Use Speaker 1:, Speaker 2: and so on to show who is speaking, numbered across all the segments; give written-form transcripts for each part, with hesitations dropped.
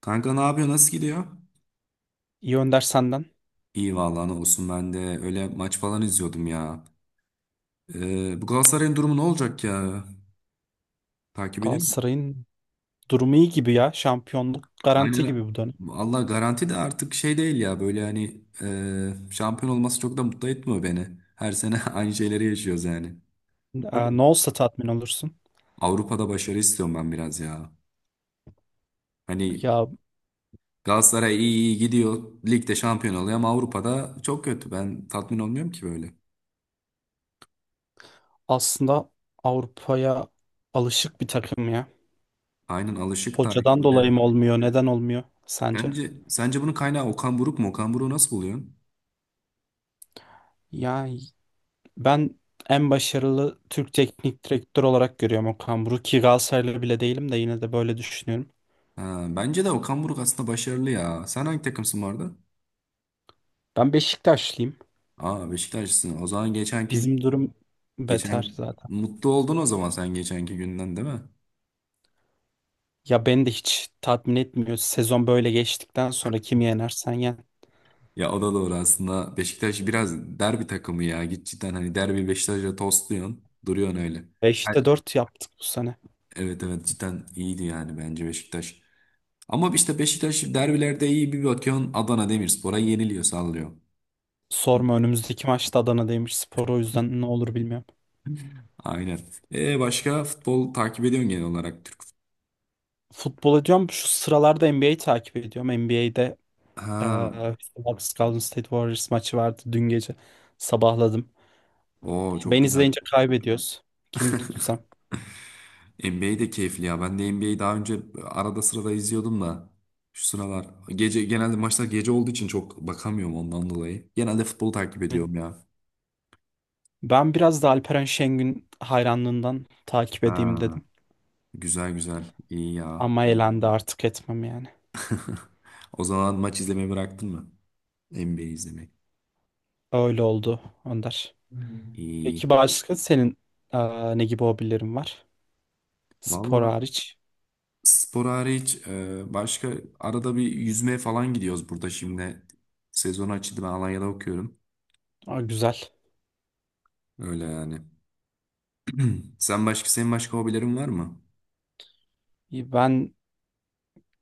Speaker 1: Kanka ne yapıyor? Nasıl gidiyor?
Speaker 2: İyi Önder senden.
Speaker 1: İyi vallahi ne olsun ben de öyle maç falan izliyordum ya. Bu Galatasaray'ın durumu ne olacak ya? Takip ediyor musun?
Speaker 2: Galatasaray'ın durumu iyi gibi ya. Şampiyonluk garanti
Speaker 1: Aynen.
Speaker 2: gibi bu dönem.
Speaker 1: Allah garanti de artık şey değil ya böyle hani şampiyon olması çok da mutlu etmiyor beni. Her sene aynı şeyleri yaşıyoruz yani. Değil mi?
Speaker 2: Ne olsa tatmin olursun.
Speaker 1: Avrupa'da başarı istiyorum ben biraz ya. Hani
Speaker 2: Ya
Speaker 1: Galatasaray iyi iyi gidiyor. Ligde şampiyon oluyor ama Avrupa'da çok kötü. Ben tatmin olmuyorum ki böyle.
Speaker 2: aslında Avrupa'ya alışık bir takım ya.
Speaker 1: Aynen alışık da.
Speaker 2: Hocadan dolayı mı olmuyor? Neden olmuyor sence?
Speaker 1: Sence bunun kaynağı Okan Buruk mu? Okan Buruk'u nasıl buluyorsun?
Speaker 2: Yani ben en başarılı Türk teknik direktör olarak görüyorum Okan Buruk ki Galatasaraylı bile değilim de yine de böyle düşünüyorum.
Speaker 1: Ha, bence de Okan Buruk aslında başarılı ya. Sen hangi takımsın bu arada?
Speaker 2: Ben Beşiktaşlıyım.
Speaker 1: Aa, Beşiktaşlısın. O zaman geçenki
Speaker 2: Bizim durum beter
Speaker 1: geçen
Speaker 2: zaten.
Speaker 1: mutlu oldun o zaman sen geçenki günden, değil mi?
Speaker 2: Ya beni de hiç tatmin etmiyor. Sezon böyle geçtikten sonra kim yenersen yen.
Speaker 1: Ya o da doğru aslında. Beşiktaş biraz derbi takımı ya. Git cidden hani derbi Beşiktaş'la tostluyorsun. Duruyorsun öyle.
Speaker 2: 5'te 4 yaptık bu sene.
Speaker 1: Evet evet, cidden iyiydi yani bence Beşiktaş. Ama işte Beşiktaş derbilerde iyi bir bakıyorsun, Adana Demirspor'a yeniliyor sallıyor.
Speaker 2: Sorma önümüzdeki maçta Adana'daymış spor o yüzden ne olur bilmiyorum.
Speaker 1: Aynen. E başka futbol takip ediyorsun, genel olarak Türk futbolu.
Speaker 2: Futbol ediyorum. Şu sıralarda NBA'yi takip ediyorum. NBA'de
Speaker 1: Ha.
Speaker 2: eee Houston Golden State Warriors maçı vardı dün gece. Sabahladım.
Speaker 1: Oo, çok
Speaker 2: Ben
Speaker 1: güzel.
Speaker 2: izleyince kaybediyoruz. Kimi tutsam.
Speaker 1: NBA de keyifli ya. Ben de NBA'yi daha önce arada sırada izliyordum da şu sıralar gece, genelde maçlar gece olduğu için çok bakamıyorum ondan dolayı. Genelde futbolu takip ediyorum ya.
Speaker 2: Ben biraz da Alperen Şengün hayranlığından takip edeyim
Speaker 1: Ha.
Speaker 2: dedim.
Speaker 1: Güzel güzel. İyi ya.
Speaker 2: Ama elendi artık etmem yani.
Speaker 1: O zaman maç izlemeyi bıraktın mı? NBA izlemek.
Speaker 2: Öyle oldu Önder.
Speaker 1: İyi.
Speaker 2: Peki başka senin ne gibi hobilerin var? Spor
Speaker 1: Valla.
Speaker 2: hariç.
Speaker 1: Spor hariç başka arada bir yüzmeye falan gidiyoruz burada şimdi. Sezon açıldı, ben Alanya'da okuyorum.
Speaker 2: Aa, güzel.
Speaker 1: Öyle yani. Senin başka hobilerin var mı?
Speaker 2: Ben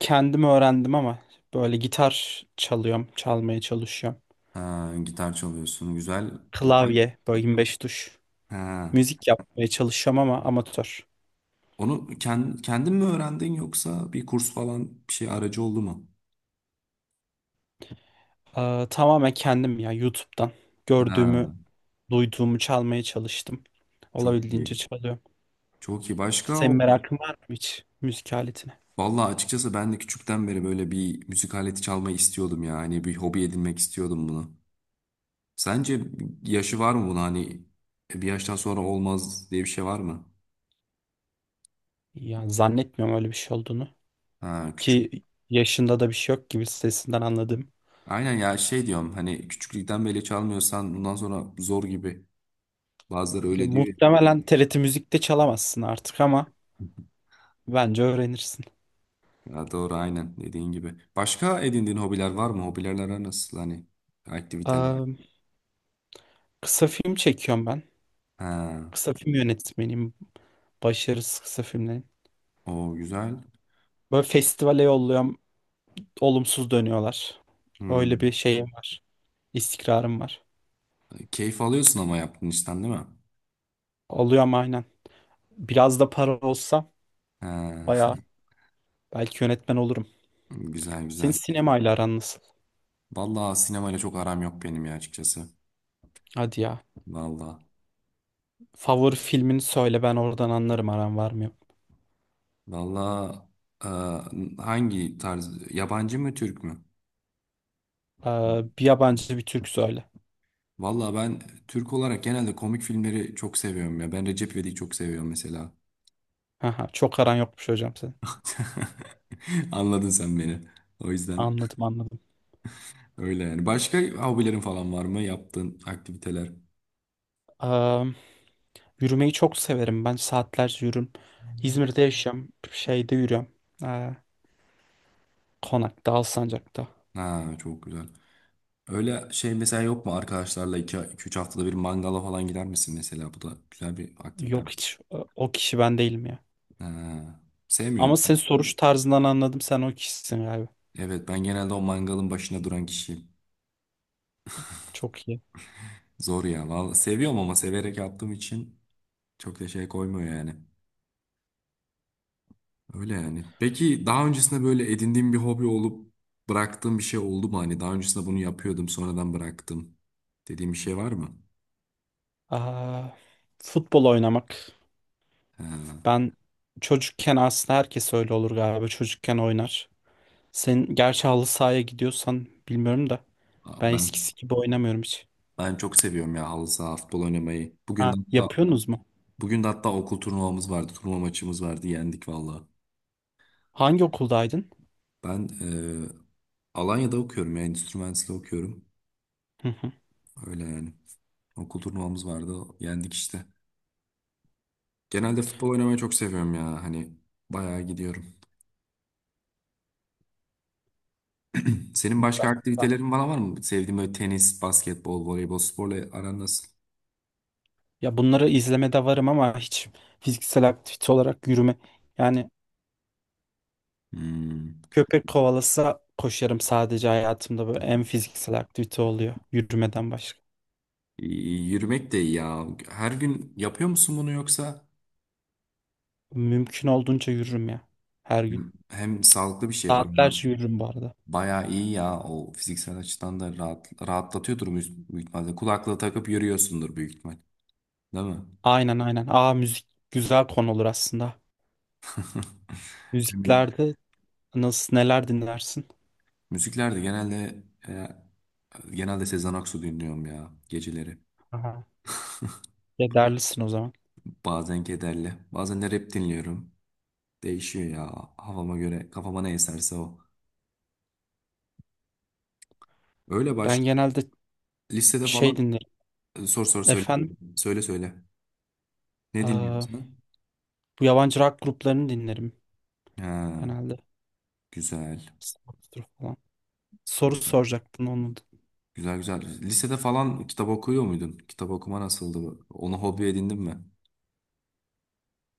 Speaker 2: kendim öğrendim ama böyle gitar çalıyorum, çalmaya çalışıyorum.
Speaker 1: Ha, gitar çalıyorsun, güzel.
Speaker 2: Klavye, böyle 25 tuş.
Speaker 1: Ha,
Speaker 2: Müzik yapmaya çalışıyorum ama amatör.
Speaker 1: onu kendin mi öğrendin, yoksa bir kurs falan bir şey aracı oldu mu?
Speaker 2: Tamamen kendim ya, YouTube'dan gördüğümü,
Speaker 1: Ha,
Speaker 2: duyduğumu çalmaya çalıştım.
Speaker 1: çok
Speaker 2: Olabildiğince
Speaker 1: iyi.
Speaker 2: çalıyorum.
Speaker 1: Çok iyi. Başka
Speaker 2: Senin
Speaker 1: o.
Speaker 2: merakın var mı hiç müzik aletine?
Speaker 1: Vallahi açıkçası ben de küçükten beri böyle bir müzik aleti çalmayı istiyordum ya. Hani bir hobi edinmek istiyordum bunu. Sence yaşı var mı buna, hani bir yaştan sonra olmaz diye bir şey var mı?
Speaker 2: Ya zannetmiyorum öyle bir şey olduğunu.
Speaker 1: Ha, küçük.
Speaker 2: Ki yaşında da bir şey yok gibi, sesinden anladım.
Speaker 1: Aynen ya, şey diyorum hani küçüklükten beri çalmıyorsan bundan sonra zor gibi. Bazıları
Speaker 2: Ya,
Speaker 1: öyle diyor ya.
Speaker 2: muhtemelen TRT Müzik'te çalamazsın artık ama bence öğrenirsin.
Speaker 1: Ya doğru, aynen dediğin gibi. Başka edindiğin hobiler var mı? Hobilerler nasıl, hani aktiviteler?
Speaker 2: Ee, Kısa film çekiyorum ben.
Speaker 1: Ha,
Speaker 2: Kısa film yönetmeniyim. Başarısız kısa filmlerin.
Speaker 1: o güzel.
Speaker 2: Böyle festivale yolluyorum. Olumsuz dönüyorlar. Öyle
Speaker 1: Hmm.
Speaker 2: bir şeyim var. İstikrarım var.
Speaker 1: Keyif alıyorsun ama yaptığın işten, değil mi?
Speaker 2: Alıyorum aynen. Biraz da para olsa
Speaker 1: Ha,
Speaker 2: bayağı belki yönetmen olurum.
Speaker 1: güzel
Speaker 2: Senin
Speaker 1: güzel.
Speaker 2: sinemayla aran nasıl?
Speaker 1: Vallahi sinemayla çok aram yok benim ya, açıkçası.
Speaker 2: Hadi ya.
Speaker 1: Vallahi.
Speaker 2: Favori filmini söyle, ben oradan anlarım aran var mı yok.
Speaker 1: Valla hangi tarz? Yabancı mı, Türk mü?
Speaker 2: Bir yabancı bir Türk söyle.
Speaker 1: Valla, ben Türk olarak genelde komik filmleri çok seviyorum ya. Ben Recep İvedik'i çok seviyorum mesela.
Speaker 2: Aha, çok aran yokmuş hocam senin.
Speaker 1: Anladın sen beni. O yüzden
Speaker 2: Anladım anladım.
Speaker 1: öyle yani. Başka hobilerin falan var mı? Yaptığın aktiviteler.
Speaker 2: Ee, Yürümeyi çok severim. Ben saatlerce yürürüm. İzmir'de yaşıyorum. Şeyde yürüyorum. Ee, Konak'ta, Alsancak'ta.
Speaker 1: Ha, çok güzel. Öyle şey mesela yok mu, arkadaşlarla iki üç haftada bir mangala falan gider misin mesela? Bu da güzel bir aktivite.
Speaker 2: Yok hiç o kişi ben değilim ya.
Speaker 1: Ha, sevmiyor
Speaker 2: Ama senin
Speaker 1: musun?
Speaker 2: soruş tarzından anladım sen o kişisin galiba.
Speaker 1: Evet, ben genelde o mangalın başına duran kişiyim.
Speaker 2: Çok iyi.
Speaker 1: Zor ya. Vallahi seviyorum ama severek yaptığım için çok da şey koymuyor yani. Öyle yani. Peki daha öncesinde böyle edindiğim bir hobi olup bıraktığım bir şey oldu mu? Hani daha öncesinde bunu yapıyordum, sonradan bıraktım dediğim bir şey var mı?
Speaker 2: Aa, futbol oynamak.
Speaker 1: He.
Speaker 2: Ben çocukken, aslında herkes öyle olur galiba. Çocukken oynar. Sen gerçi halı sahaya gidiyorsan bilmiyorum da. Ben
Speaker 1: Ben
Speaker 2: eskisi gibi oynamıyorum hiç.
Speaker 1: ben çok seviyorum ya halı saha, futbol oynamayı. Bugün de
Speaker 2: Ha,
Speaker 1: hatta
Speaker 2: yapıyorsunuz mu?
Speaker 1: bugün de hatta okul turnuvamız vardı. Turnuva maçımız vardı. Yendik valla.
Speaker 2: Hangi okuldaydın?
Speaker 1: Ben Alanya'da okuyorum ya. Endüstri mühendisliği okuyorum.
Speaker 2: Hı hı.
Speaker 1: Öyle yani. Okul turnuvamız vardı. Yendik işte. Genelde futbol oynamayı çok seviyorum ya. Hani bayağı gidiyorum. Senin başka
Speaker 2: Güzel.
Speaker 1: aktivitelerin bana var mı? Sevdiğin böyle tenis, basketbol, voleybol, sporla aran nasıl?
Speaker 2: Ya bunları izlemede varım ama hiç fiziksel aktivite olarak yürüme. Yani
Speaker 1: Hmm.
Speaker 2: köpek kovalasa koşarım sadece, hayatımda böyle en fiziksel aktivite oluyor yürümeden başka.
Speaker 1: Yürümek de iyi ya. Her gün yapıyor musun bunu yoksa?
Speaker 2: Mümkün olduğunca yürürüm ya, her gün.
Speaker 1: Hem sağlıklı bir şey, bayağı,
Speaker 2: Saatlerce yürürüm bu arada.
Speaker 1: bayağı iyi ya. O fiziksel açıdan da rahatlatıyordur büyük ihtimalle. Kulaklığı takıp yürüyorsundur büyük ihtimal. Değil mi?
Speaker 2: Aynen aynen. Aa, müzik güzel konu olur aslında. Müziklerde nasıl, neler dinlersin?
Speaker 1: Müziklerde genelde Sezen Aksu dinliyorum ya geceleri.
Speaker 2: Aha. Kederlisin o zaman.
Speaker 1: Bazen kederli, bazen de rap dinliyorum. Değişiyor ya havama göre, kafama ne eserse o. Öyle,
Speaker 2: Ben
Speaker 1: başka.
Speaker 2: genelde
Speaker 1: Listede
Speaker 2: şey
Speaker 1: falan
Speaker 2: dinlerim.
Speaker 1: sor sor söyle.
Speaker 2: Efendim,
Speaker 1: Söyle söyle. Ne
Speaker 2: aa,
Speaker 1: dinliyorsun sen?
Speaker 2: bu yabancı rock gruplarını dinlerim
Speaker 1: Ha,
Speaker 2: genelde.
Speaker 1: güzel.
Speaker 2: Sabbath'tır falan. Soru
Speaker 1: Güzel
Speaker 2: soracaktın onu.
Speaker 1: güzel, güzel. Lisede falan kitap okuyor muydun? Kitap okuma nasıldı? Onu hobi edindin mi?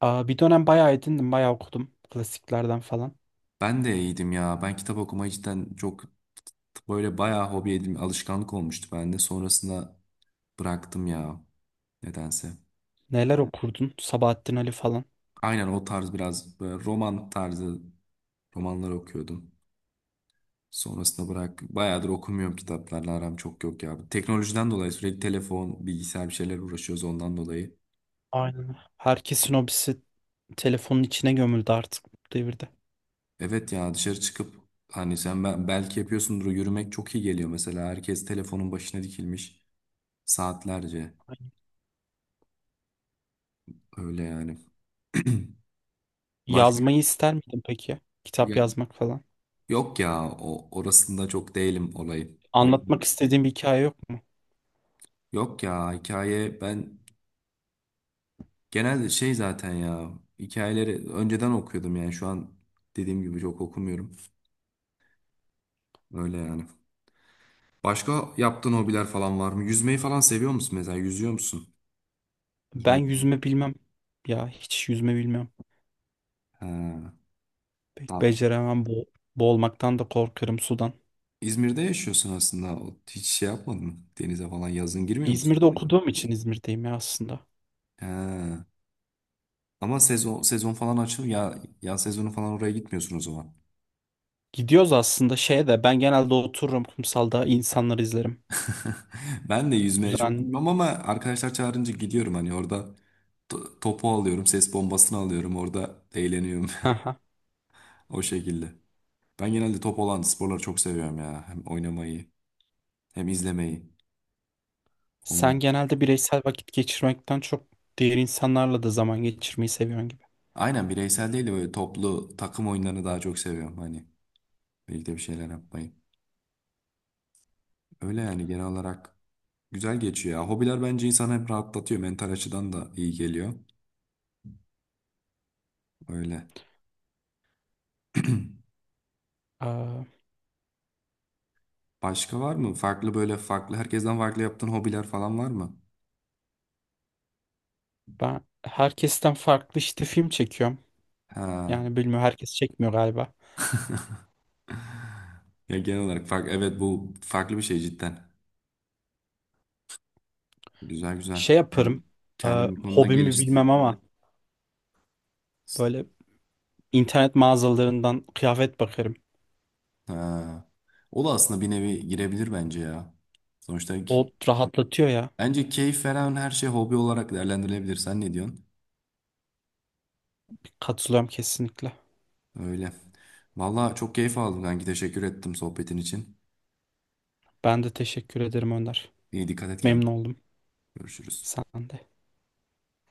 Speaker 2: Aa, bir dönem bayağı edindim, bayağı okudum klasiklerden falan.
Speaker 1: Ben de iyiydim ya. Ben kitap okumayı cidden çok böyle bayağı hobi edindim. Alışkanlık olmuştu bende. Sonrasında bıraktım ya, nedense.
Speaker 2: Neler okurdun? Sabahattin Ali falan.
Speaker 1: Aynen o tarz biraz, böyle roman tarzı romanlar okuyordum. Sonrasında bırak. Bayağıdır okumuyorum, kitaplarla aram çok yok ya. Teknolojiden dolayı sürekli telefon, bilgisayar, bir şeyler uğraşıyoruz ondan dolayı.
Speaker 2: Aynen. Herkesin hobisi telefonun içine gömüldü artık bu devirde.
Speaker 1: Evet ya, dışarı çıkıp hani sen belki yapıyorsundur, yürümek çok iyi geliyor mesela. Herkes telefonun başına dikilmiş saatlerce.
Speaker 2: Aynen.
Speaker 1: Öyle yani. Başka.
Speaker 2: Yazmayı ister miydin peki? Kitap
Speaker 1: Ya-
Speaker 2: yazmak falan.
Speaker 1: Yok ya, o orasında çok değilim olayı.
Speaker 2: Anlatmak istediğin bir hikaye yok mu?
Speaker 1: Yok ya, hikaye, ben genelde şey zaten ya, hikayeleri önceden okuyordum yani şu an dediğim gibi çok okumuyorum. Öyle yani. Başka yaptığın hobiler falan var mı? Yüzmeyi falan seviyor musun mesela? Yüzüyor musun?
Speaker 2: Ben
Speaker 1: Yüzmeyi...
Speaker 2: yüzme bilmem. Ya hiç yüzme bilmem.
Speaker 1: He.
Speaker 2: Pek
Speaker 1: Ta-
Speaker 2: beceremem bo. Boğulmaktan da korkarım sudan.
Speaker 1: İzmir'de yaşıyorsun aslında. Hiç şey yapmadın mı? Denize falan yazın girmiyor musun?
Speaker 2: İzmir'de okuduğum için İzmir'deyim ya aslında.
Speaker 1: He. Ama sezon sezon falan açıl ya, yaz sezonu falan oraya gitmiyorsun o zaman.
Speaker 2: Gidiyoruz aslında, şeye de ben genelde otururum kumsalda insanları izlerim.
Speaker 1: Ben de yüzmeye çok
Speaker 2: Düzen.
Speaker 1: bilmem ama arkadaşlar çağırınca gidiyorum, hani orada topu alıyorum, ses bombasını alıyorum, orada eğleniyorum
Speaker 2: Haha.
Speaker 1: o şekilde. Ben genelde top olan sporları çok seviyorum ya. Hem oynamayı hem izlemeyi. Olmaz.
Speaker 2: Sen genelde bireysel vakit geçirmekten çok diğer insanlarla da zaman geçirmeyi seviyorsun gibi.
Speaker 1: Aynen, bireysel değil de böyle toplu takım oyunlarını daha çok seviyorum. Hani birlikte bir şeyler yapmayı. Öyle yani, genel olarak güzel geçiyor ya. Hobiler bence insanı hep rahatlatıyor. Mental açıdan da iyi geliyor. Öyle.
Speaker 2: Aa,
Speaker 1: Başka var mı? Farklı, böyle farklı, herkesten farklı yaptığın hobiler falan var mı?
Speaker 2: ben herkesten farklı işte film çekiyorum.
Speaker 1: Ha.
Speaker 2: Yani bilmiyorum, herkes çekmiyor galiba.
Speaker 1: Ya genel olarak fark, evet, bu farklı bir şey cidden. Güzel
Speaker 2: Şey
Speaker 1: güzel. Yani
Speaker 2: yaparım. Aa,
Speaker 1: kendini bu konuda
Speaker 2: hobimi
Speaker 1: geliş.
Speaker 2: bilmem ama böyle internet mağazalarından kıyafet bakarım.
Speaker 1: Ha. O da aslında bir nevi girebilir bence ya. Sonuçta
Speaker 2: O rahatlatıyor ya.
Speaker 1: bence keyif veren her şey hobi olarak değerlendirilebilir. Sen ne diyorsun?
Speaker 2: Katılıyorum kesinlikle.
Speaker 1: Öyle. Valla çok keyif aldım kanki. Teşekkür ettim sohbetin için.
Speaker 2: Ben de teşekkür ederim Önder.
Speaker 1: İyi, dikkat et
Speaker 2: Memnun
Speaker 1: kendine.
Speaker 2: oldum.
Speaker 1: Görüşürüz.
Speaker 2: Sen de.